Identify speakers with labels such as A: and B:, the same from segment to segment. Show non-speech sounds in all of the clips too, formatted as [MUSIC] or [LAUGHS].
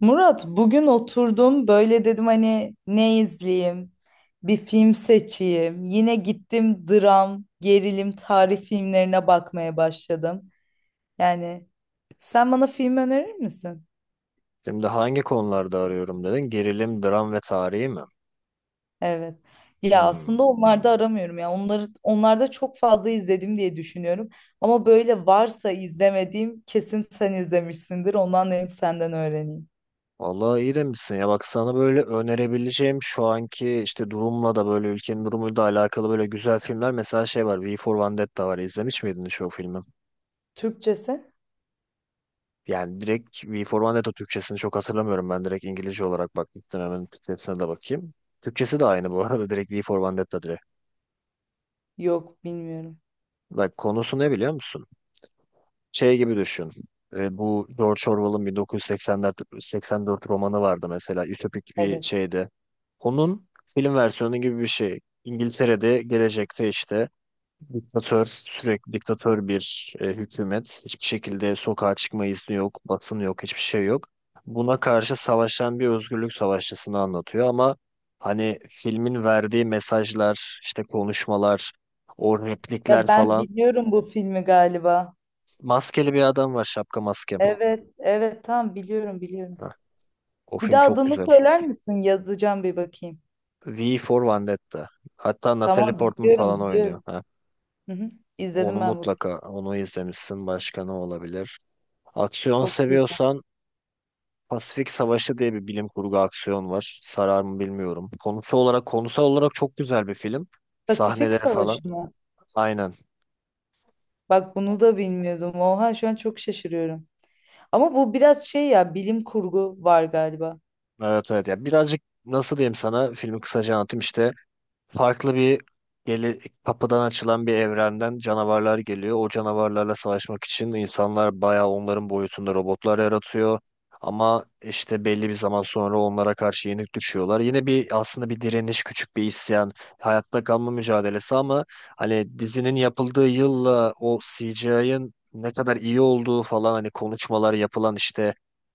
A: Murat bugün oturdum böyle dedim hani ne izleyeyim bir film seçeyim yine gittim dram gerilim tarih filmlerine bakmaya başladım yani sen bana film önerir misin?
B: Şimdi hangi konularda arıyorum dedin? Gerilim, dram ve tarihi mi?
A: Evet ya
B: Hmm.
A: aslında onlarda aramıyorum ya onları onlarda çok fazla izledim diye düşünüyorum ama böyle varsa izlemediğim kesin sen izlemişsindir ondan hem senden öğreneyim.
B: Vallahi iyi demişsin ya. Bak sana böyle önerebileceğim şu anki işte durumla da böyle ülkenin durumuyla da alakalı böyle güzel filmler. Mesela şey var, V for Vendetta var. İzlemiş miydin hiç o filmi?
A: Türkçesi?
B: Yani direkt V for Vendetta Türkçesini çok hatırlamıyorum. Ben direkt İngilizce olarak bakmıştım. Hemen Türkçesine de bakayım. Türkçesi de aynı bu arada. Direkt V for Vendetta direkt.
A: Yok, bilmiyorum.
B: Bak konusu ne biliyor musun? Şey gibi düşün. Bu George Orwell'ın 1984 84 romanı vardı mesela. Ütopik bir
A: Evet.
B: şeydi. Onun film versiyonu gibi bir şey. İngiltere'de gelecekte işte diktatör, sürekli diktatör bir hükümet. Hiçbir şekilde sokağa çıkma izni yok, basın yok, hiçbir şey yok. Buna karşı savaşan bir özgürlük savaşçısını anlatıyor ama hani filmin verdiği mesajlar, işte konuşmalar, o replikler
A: Ya ben
B: falan.
A: biliyorum bu filmi galiba.
B: Maskeli bir adam var, şapka maske.
A: Evet, evet, tamam biliyorum biliyorum.
B: O
A: Bir
B: film
A: daha
B: çok
A: adını
B: güzel.
A: söyler misin? Yazacağım, bir bakayım.
B: V for Vendetta. Hatta
A: Tamam
B: Natalie Portman
A: biliyorum
B: falan oynuyor.
A: biliyorum.
B: Ha.
A: Hı hı.
B: Onu
A: İzledim ben bu filmi.
B: mutlaka onu izlemişsin. Başka ne olabilir? Aksiyon
A: Çok güzel.
B: seviyorsan Pasifik Savaşı diye bir bilim kurgu aksiyon var. Sarar mı bilmiyorum. Konusu olarak, konusal olarak çok güzel bir film.
A: Pasifik
B: Sahneleri falan.
A: Savaşı mı?
B: Aynen.
A: Bak bunu da bilmiyordum. Oha şu an çok şaşırıyorum. Ama bu biraz şey ya, bilim kurgu var galiba.
B: Evet, evet. Ya birazcık, nasıl diyeyim, sana filmi kısaca anlatayım işte. Farklı bir geli, kapıdan açılan bir evrenden canavarlar geliyor. O canavarlarla savaşmak için insanlar bayağı onların boyutunda robotlar yaratıyor. Ama işte belli bir zaman sonra onlara karşı yenik düşüyorlar. Yine bir aslında bir direniş, küçük bir isyan, hayatta kalma mücadelesi, ama hani dizinin yapıldığı yılla o CGI'ın ne kadar iyi olduğu falan, hani konuşmalar yapılan işte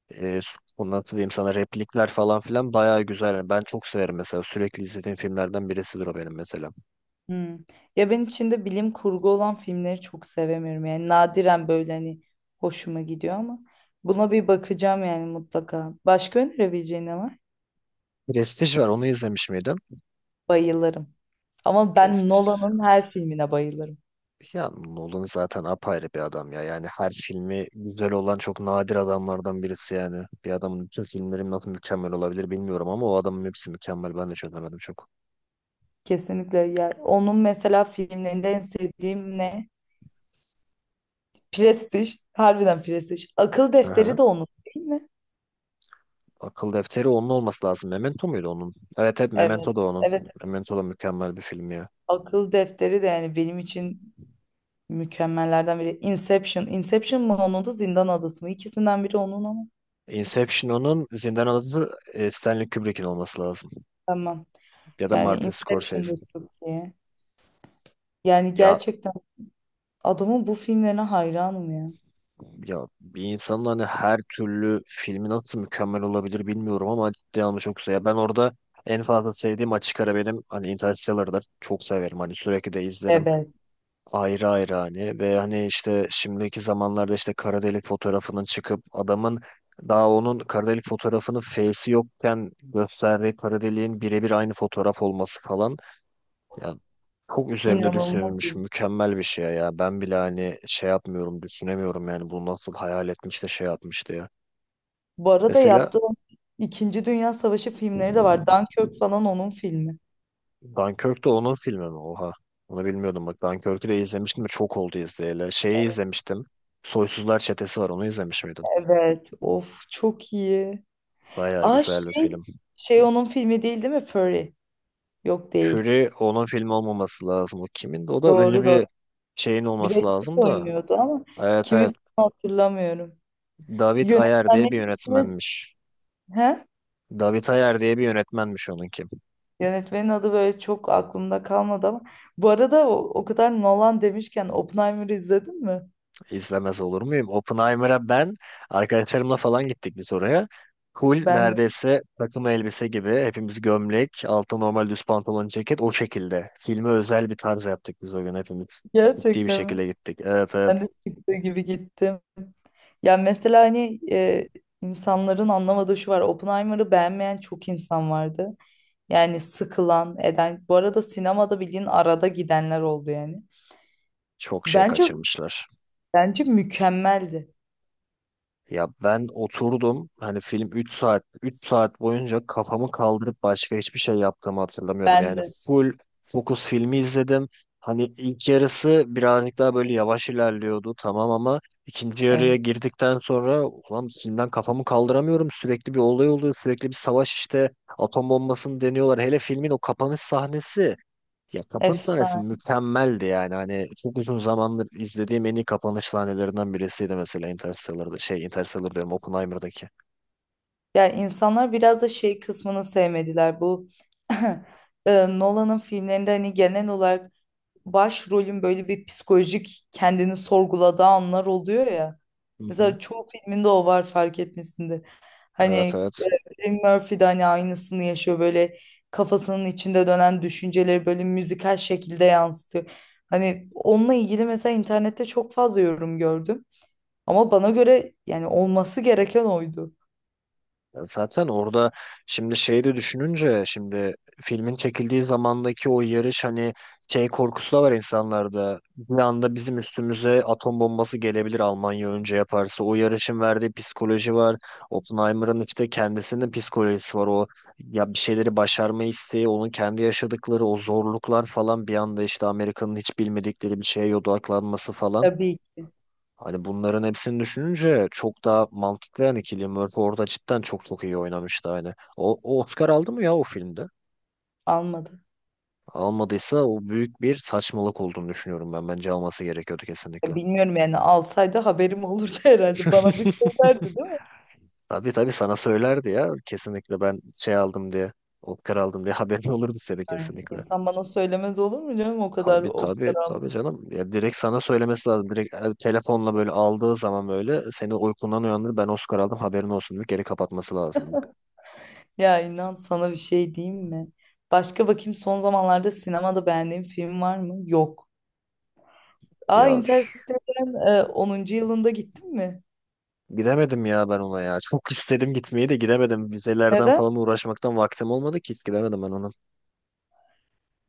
B: bu nasıl diyeyim sana, replikler falan filan bayağı güzel. Yani ben çok severim mesela. Sürekli izlediğim filmlerden birisidir o benim mesela.
A: Hmm. Ya ben içinde bilim kurgu olan filmleri çok sevemiyorum. Yani nadiren böyle hani hoşuma gidiyor ama buna bir bakacağım yani, mutlaka. Başka önerebileceğin ne var?
B: Prestige var, onu izlemiş miydin?
A: Bayılırım. Ama ben
B: Prestige.
A: Nolan'ın her filmine bayılırım.
B: Ya Nolan zaten apayrı bir adam ya. Yani her filmi güzel olan çok nadir adamlardan birisi yani. Bir adamın bütün filmleri nasıl mükemmel olabilir bilmiyorum ama o adamın hepsi mükemmel. Ben de çözemedim çok.
A: Kesinlikle. Ya onun mesela filmlerinde en sevdiğim ne? Prestij. Harbiden Prestij. Akıl
B: Aha.
A: Defteri de onun değil mi?
B: Akıl Defteri onun olması lazım. Memento muydu onun? Evet, evet,
A: Evet.
B: Memento da onun.
A: Evet.
B: Memento da mükemmel bir film ya.
A: Akıl Defteri de yani benim için mükemmellerden biri. Inception. Inception mı onun, da Zindan Adası mı? İkisinden biri onun ama.
B: Inception onun, Zindan adı Stanley Kubrick'in olması lazım.
A: Tamam.
B: Ya da
A: Yani
B: Martin
A: Inception da
B: Scorsese'in.
A: çok iyi. Yani
B: Ya
A: gerçekten adamın bu filmlerine hayranım ya.
B: ya bir insanın hani her türlü filmi nasıl mükemmel olabilir bilmiyorum ama ciddi anlamda çok güzel. Ya ben orada en fazla sevdiğim, açık ara benim hani Interstellar'dır. Çok severim, hani sürekli de izlerim.
A: Evet.
B: Ayrı ayrı hani, ve hani işte şimdiki zamanlarda işte kara delik fotoğrafının çıkıp adamın daha onun kara delik fotoğrafının face'i yokken gösterdiği kara deliğin birebir aynı fotoğraf olması falan. Ya çok üzerinde
A: İnanılmaz.
B: düşünebilmiş,
A: İyi.
B: mükemmel bir şey ya. Ben bile hani şey yapmıyorum, düşünemiyorum yani, bunu nasıl hayal etmiş de şey yapmıştı ya.
A: Bu arada
B: Mesela
A: yaptığım İkinci Dünya Savaşı filmleri de var. Dunkirk falan onun filmi.
B: Dunkirk de onun filmi mi? Oha. Onu bilmiyordum bak. Dunkirk'ü de izlemiştim de çok oldu izleyeli. Şeyi izlemiştim. Soysuzlar Çetesi var. Onu izlemiş miydin?
A: Evet. Of, çok iyi.
B: Bayağı
A: Aa
B: güzel bir
A: şey,
B: film.
A: şey onun filmi değil, değil mi? Fury. Yok, değil.
B: Fury onun filmi olmaması lazım. O kimin de? O da ünlü
A: Doğru doğru.
B: bir şeyin
A: Brad
B: olması
A: Pitt
B: lazım da.
A: oynuyordu ama
B: Evet,
A: kimin
B: evet.
A: filmi hatırlamıyorum.
B: David Ayer diye bir
A: Yönetmenin ismi,
B: yönetmenmiş.
A: he?
B: David Ayer diye bir yönetmenmiş onunki.
A: Yönetmenin adı böyle çok aklımda kalmadı ama bu arada o kadar Nolan demişken Oppenheimer'ı izledin mi?
B: İzlemez olur muyum? Oppenheimer'a ben arkadaşlarımla falan gittik biz oraya. Hul
A: Ben de.
B: neredeyse takım elbise gibi hepimiz, gömlek, altta normal düz pantolon, ceket o şekilde. Filme özel bir tarz yaptık biz o gün hepimiz. Ciddi bir
A: Gerçekten mi?
B: şekilde gittik. Evet,
A: Ben
B: evet,
A: de çıktığı gibi gittim. Ya mesela hani insanların anlamadığı şu var. Oppenheimer'ı beğenmeyen çok insan vardı. Yani sıkılan, eden. Bu arada sinemada bildiğin arada gidenler oldu yani.
B: çok şey
A: Bence
B: kaçırmışlar.
A: bence mükemmeldi.
B: Ya ben oturdum hani, film 3 saat 3 saat boyunca kafamı kaldırıp başka hiçbir şey yaptığımı hatırlamıyorum.
A: Ben
B: Yani
A: de.
B: full fokus filmi izledim. Hani ilk yarısı birazcık daha böyle yavaş ilerliyordu tamam, ama ikinci yarıya
A: Evet.
B: girdikten sonra, ulan filmden kafamı kaldıramıyorum. Sürekli bir olay oluyor, sürekli bir savaş işte, atom bombasını deniyorlar. Hele filmin o kapanış sahnesi, ya kapanış sahnesi
A: Efsane.
B: mükemmeldi yani. Hani çok uzun zamandır izlediğim en iyi kapanış sahnelerinden birisiydi, mesela Interstellar'da. Şey, Interstellar diyorum, Oppenheimer'daki.
A: Ya insanlar biraz da şey kısmını sevmediler. Bu [LAUGHS] Nolan'ın filmlerinde hani genel olarak başrolün böyle bir psikolojik kendini sorguladığı anlar oluyor ya.
B: Hı hı.
A: Mesela çoğu filminde o var, fark etmesinde. Hani
B: Evet, evet.
A: Eddie Murphy de hani aynısını yaşıyor, böyle kafasının içinde dönen düşünceleri böyle müzikal şekilde yansıtıyor. Hani onunla ilgili mesela internette çok fazla yorum gördüm. Ama bana göre yani olması gereken oydu.
B: Ya zaten orada, şimdi şeyi de düşününce, şimdi filmin çekildiği zamandaki o yarış, hani şey korkusu da var insanlarda. Bir anda bizim üstümüze atom bombası gelebilir Almanya önce yaparsa. O yarışın verdiği psikoloji var. Oppenheimer'ın işte kendisinin psikolojisi var. O ya bir şeyleri başarma isteği, onun kendi yaşadıkları o zorluklar falan, bir anda işte Amerika'nın hiç bilmedikleri bir şeye odaklanması falan.
A: Tabii ki
B: Hani bunların hepsini düşününce çok daha mantıklı. Yani Cillian Murphy orada cidden çok çok iyi oynamıştı hani. O Oscar aldı mı ya o filmde?
A: almadı.
B: Almadıysa o büyük bir saçmalık olduğunu düşünüyorum ben. Bence alması gerekiyordu
A: Ya
B: kesinlikle.
A: bilmiyorum yani, alsaydı haberim olurdu [LAUGHS] herhalde. Bana bir
B: [LAUGHS]
A: söylerdi değil mi?
B: Tabii, tabii, sana söylerdi ya kesinlikle, ben şey aldım diye. Oscar aldım diye [LAUGHS] haberin olurdu seni
A: Yani
B: kesinlikle.
A: insan bana söylemez olur mu canım, o kadar
B: Tabii, tabii,
A: Oscar.
B: tabii canım. Ya direkt sana söylemesi lazım. Direkt telefonla böyle aldığı zaman böyle seni uykundan uyandırır. Ben Oscar aldım haberin olsun diye geri kapatması lazımdı.
A: Ya inan, sana bir şey diyeyim mi? Başka bakayım, son zamanlarda sinemada beğendiğim film var mı? Yok. Aa,
B: Ya
A: Interstellar'ın 10. yılında gittin mi?
B: gidemedim ya ben ona ya. Çok [LAUGHS] istedim gitmeyi de gidemedim. Vizelerden
A: Neden?
B: falan uğraşmaktan vaktim olmadı, ki hiç gidemedim ben onun.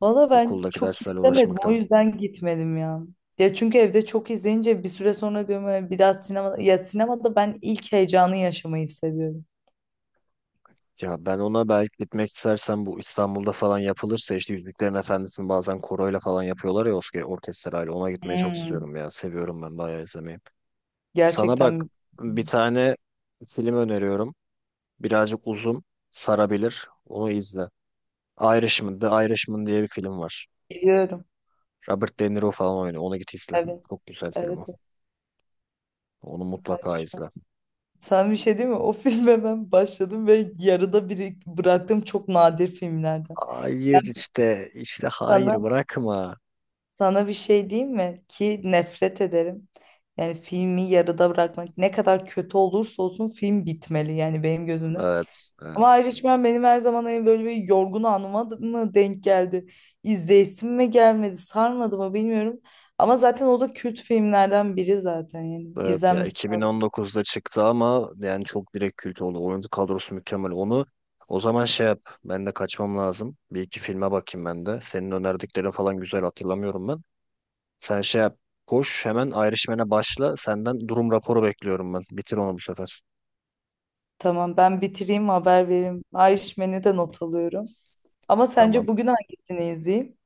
A: Valla ben
B: Okuldaki
A: çok
B: derslerle
A: istemedim, o
B: uğraşmaktan.
A: yüzden gitmedim ya. Ya çünkü evde çok izleyince bir süre sonra diyorum, bir daha sinemada, ya sinemada ben ilk heyecanı yaşamayı seviyorum."
B: Ya ben, ona belki gitmek istersen, bu İstanbul'da falan yapılırsa işte Yüzüklerin Efendisi'ni bazen koroyla falan yapıyorlar ya, orkestrayla. Ona gitmeye çok
A: Hmm.
B: istiyorum ya. Seviyorum ben bayağı izlemeyi. Sana
A: Gerçekten
B: bak,
A: mi?
B: bir tane film öneriyorum. Birazcık uzun. Sarabilir. Onu izle. Irishman, The Irishman diye bir film var.
A: Biliyorum.
B: Robert De Niro falan oynuyor. Ona git izle.
A: Evet.
B: Çok güzel film
A: Evet.
B: o. Onu mutlaka
A: Evet.
B: izle.
A: Sen, bir şey değil mi? O filme ben başladım ve yarıda biri bıraktığım çok nadir filmlerden.
B: Hayır,
A: Ben
B: işte hayır,
A: sana
B: bırakma.
A: sana bir şey diyeyim mi? Ki nefret ederim. Yani filmi yarıda bırakmak ne kadar kötü olursa olsun film bitmeli yani benim gözümde.
B: Evet, evet,
A: Ama Irishman benim her zaman en böyle bir yorgun anıma mı denk geldi? İzleyesim mi gelmedi? Sarmadı mı, bilmiyorum. Ama zaten o da kült filmlerden biri zaten yani.
B: evet, ya
A: İzlenmesi.
B: 2019'da çıktı ama yani çok direkt kült oldu. Oyuncu kadrosu mükemmel. Onu, o zaman şey yap. Ben de kaçmam lazım. Bir iki filme bakayım ben de. Senin önerdiklerin falan, güzel hatırlamıyorum ben. Sen şey yap. Koş hemen ayrışmene başla. Senden durum raporu bekliyorum ben. Bitir onu bu sefer.
A: Tamam, ben bitireyim, haber vereyim. Irishman'i de not alıyorum. Ama sence
B: Tamam.
A: bugün hangisini izleyeyim?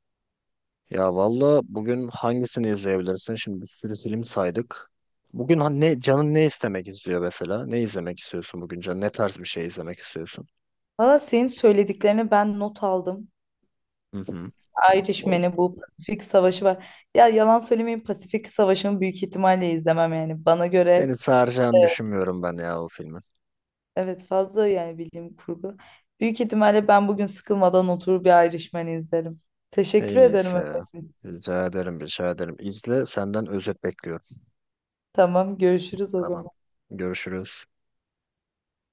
B: Ya valla bugün hangisini izleyebilirsin? Şimdi bir sürü film saydık. Bugün ne canın, ne istemek istiyor mesela? Ne izlemek istiyorsun bugün canın? Ne tarz bir şey izlemek istiyorsun?
A: Valla senin söylediklerini ben not aldım.
B: Hı hı. O,
A: Irishman'i, bu Pasifik Savaşı var. Ya yalan söylemeyeyim, Pasifik Savaşı'nı büyük ihtimalle izlemem yani. Bana göre
B: beni saracağını düşünmüyorum ben ya o filmin.
A: evet, fazla yani bildiğim kurgu. Büyük ihtimalle ben bugün sıkılmadan oturup bir Irishman'i izlerim. Teşekkür
B: En
A: ederim
B: iyisi ya.
A: efendim.
B: Rica ederim, rica ederim. İzle, senden özet bekliyorum.
A: Tamam, görüşürüz o
B: Tamam.
A: zaman.
B: Görüşürüz.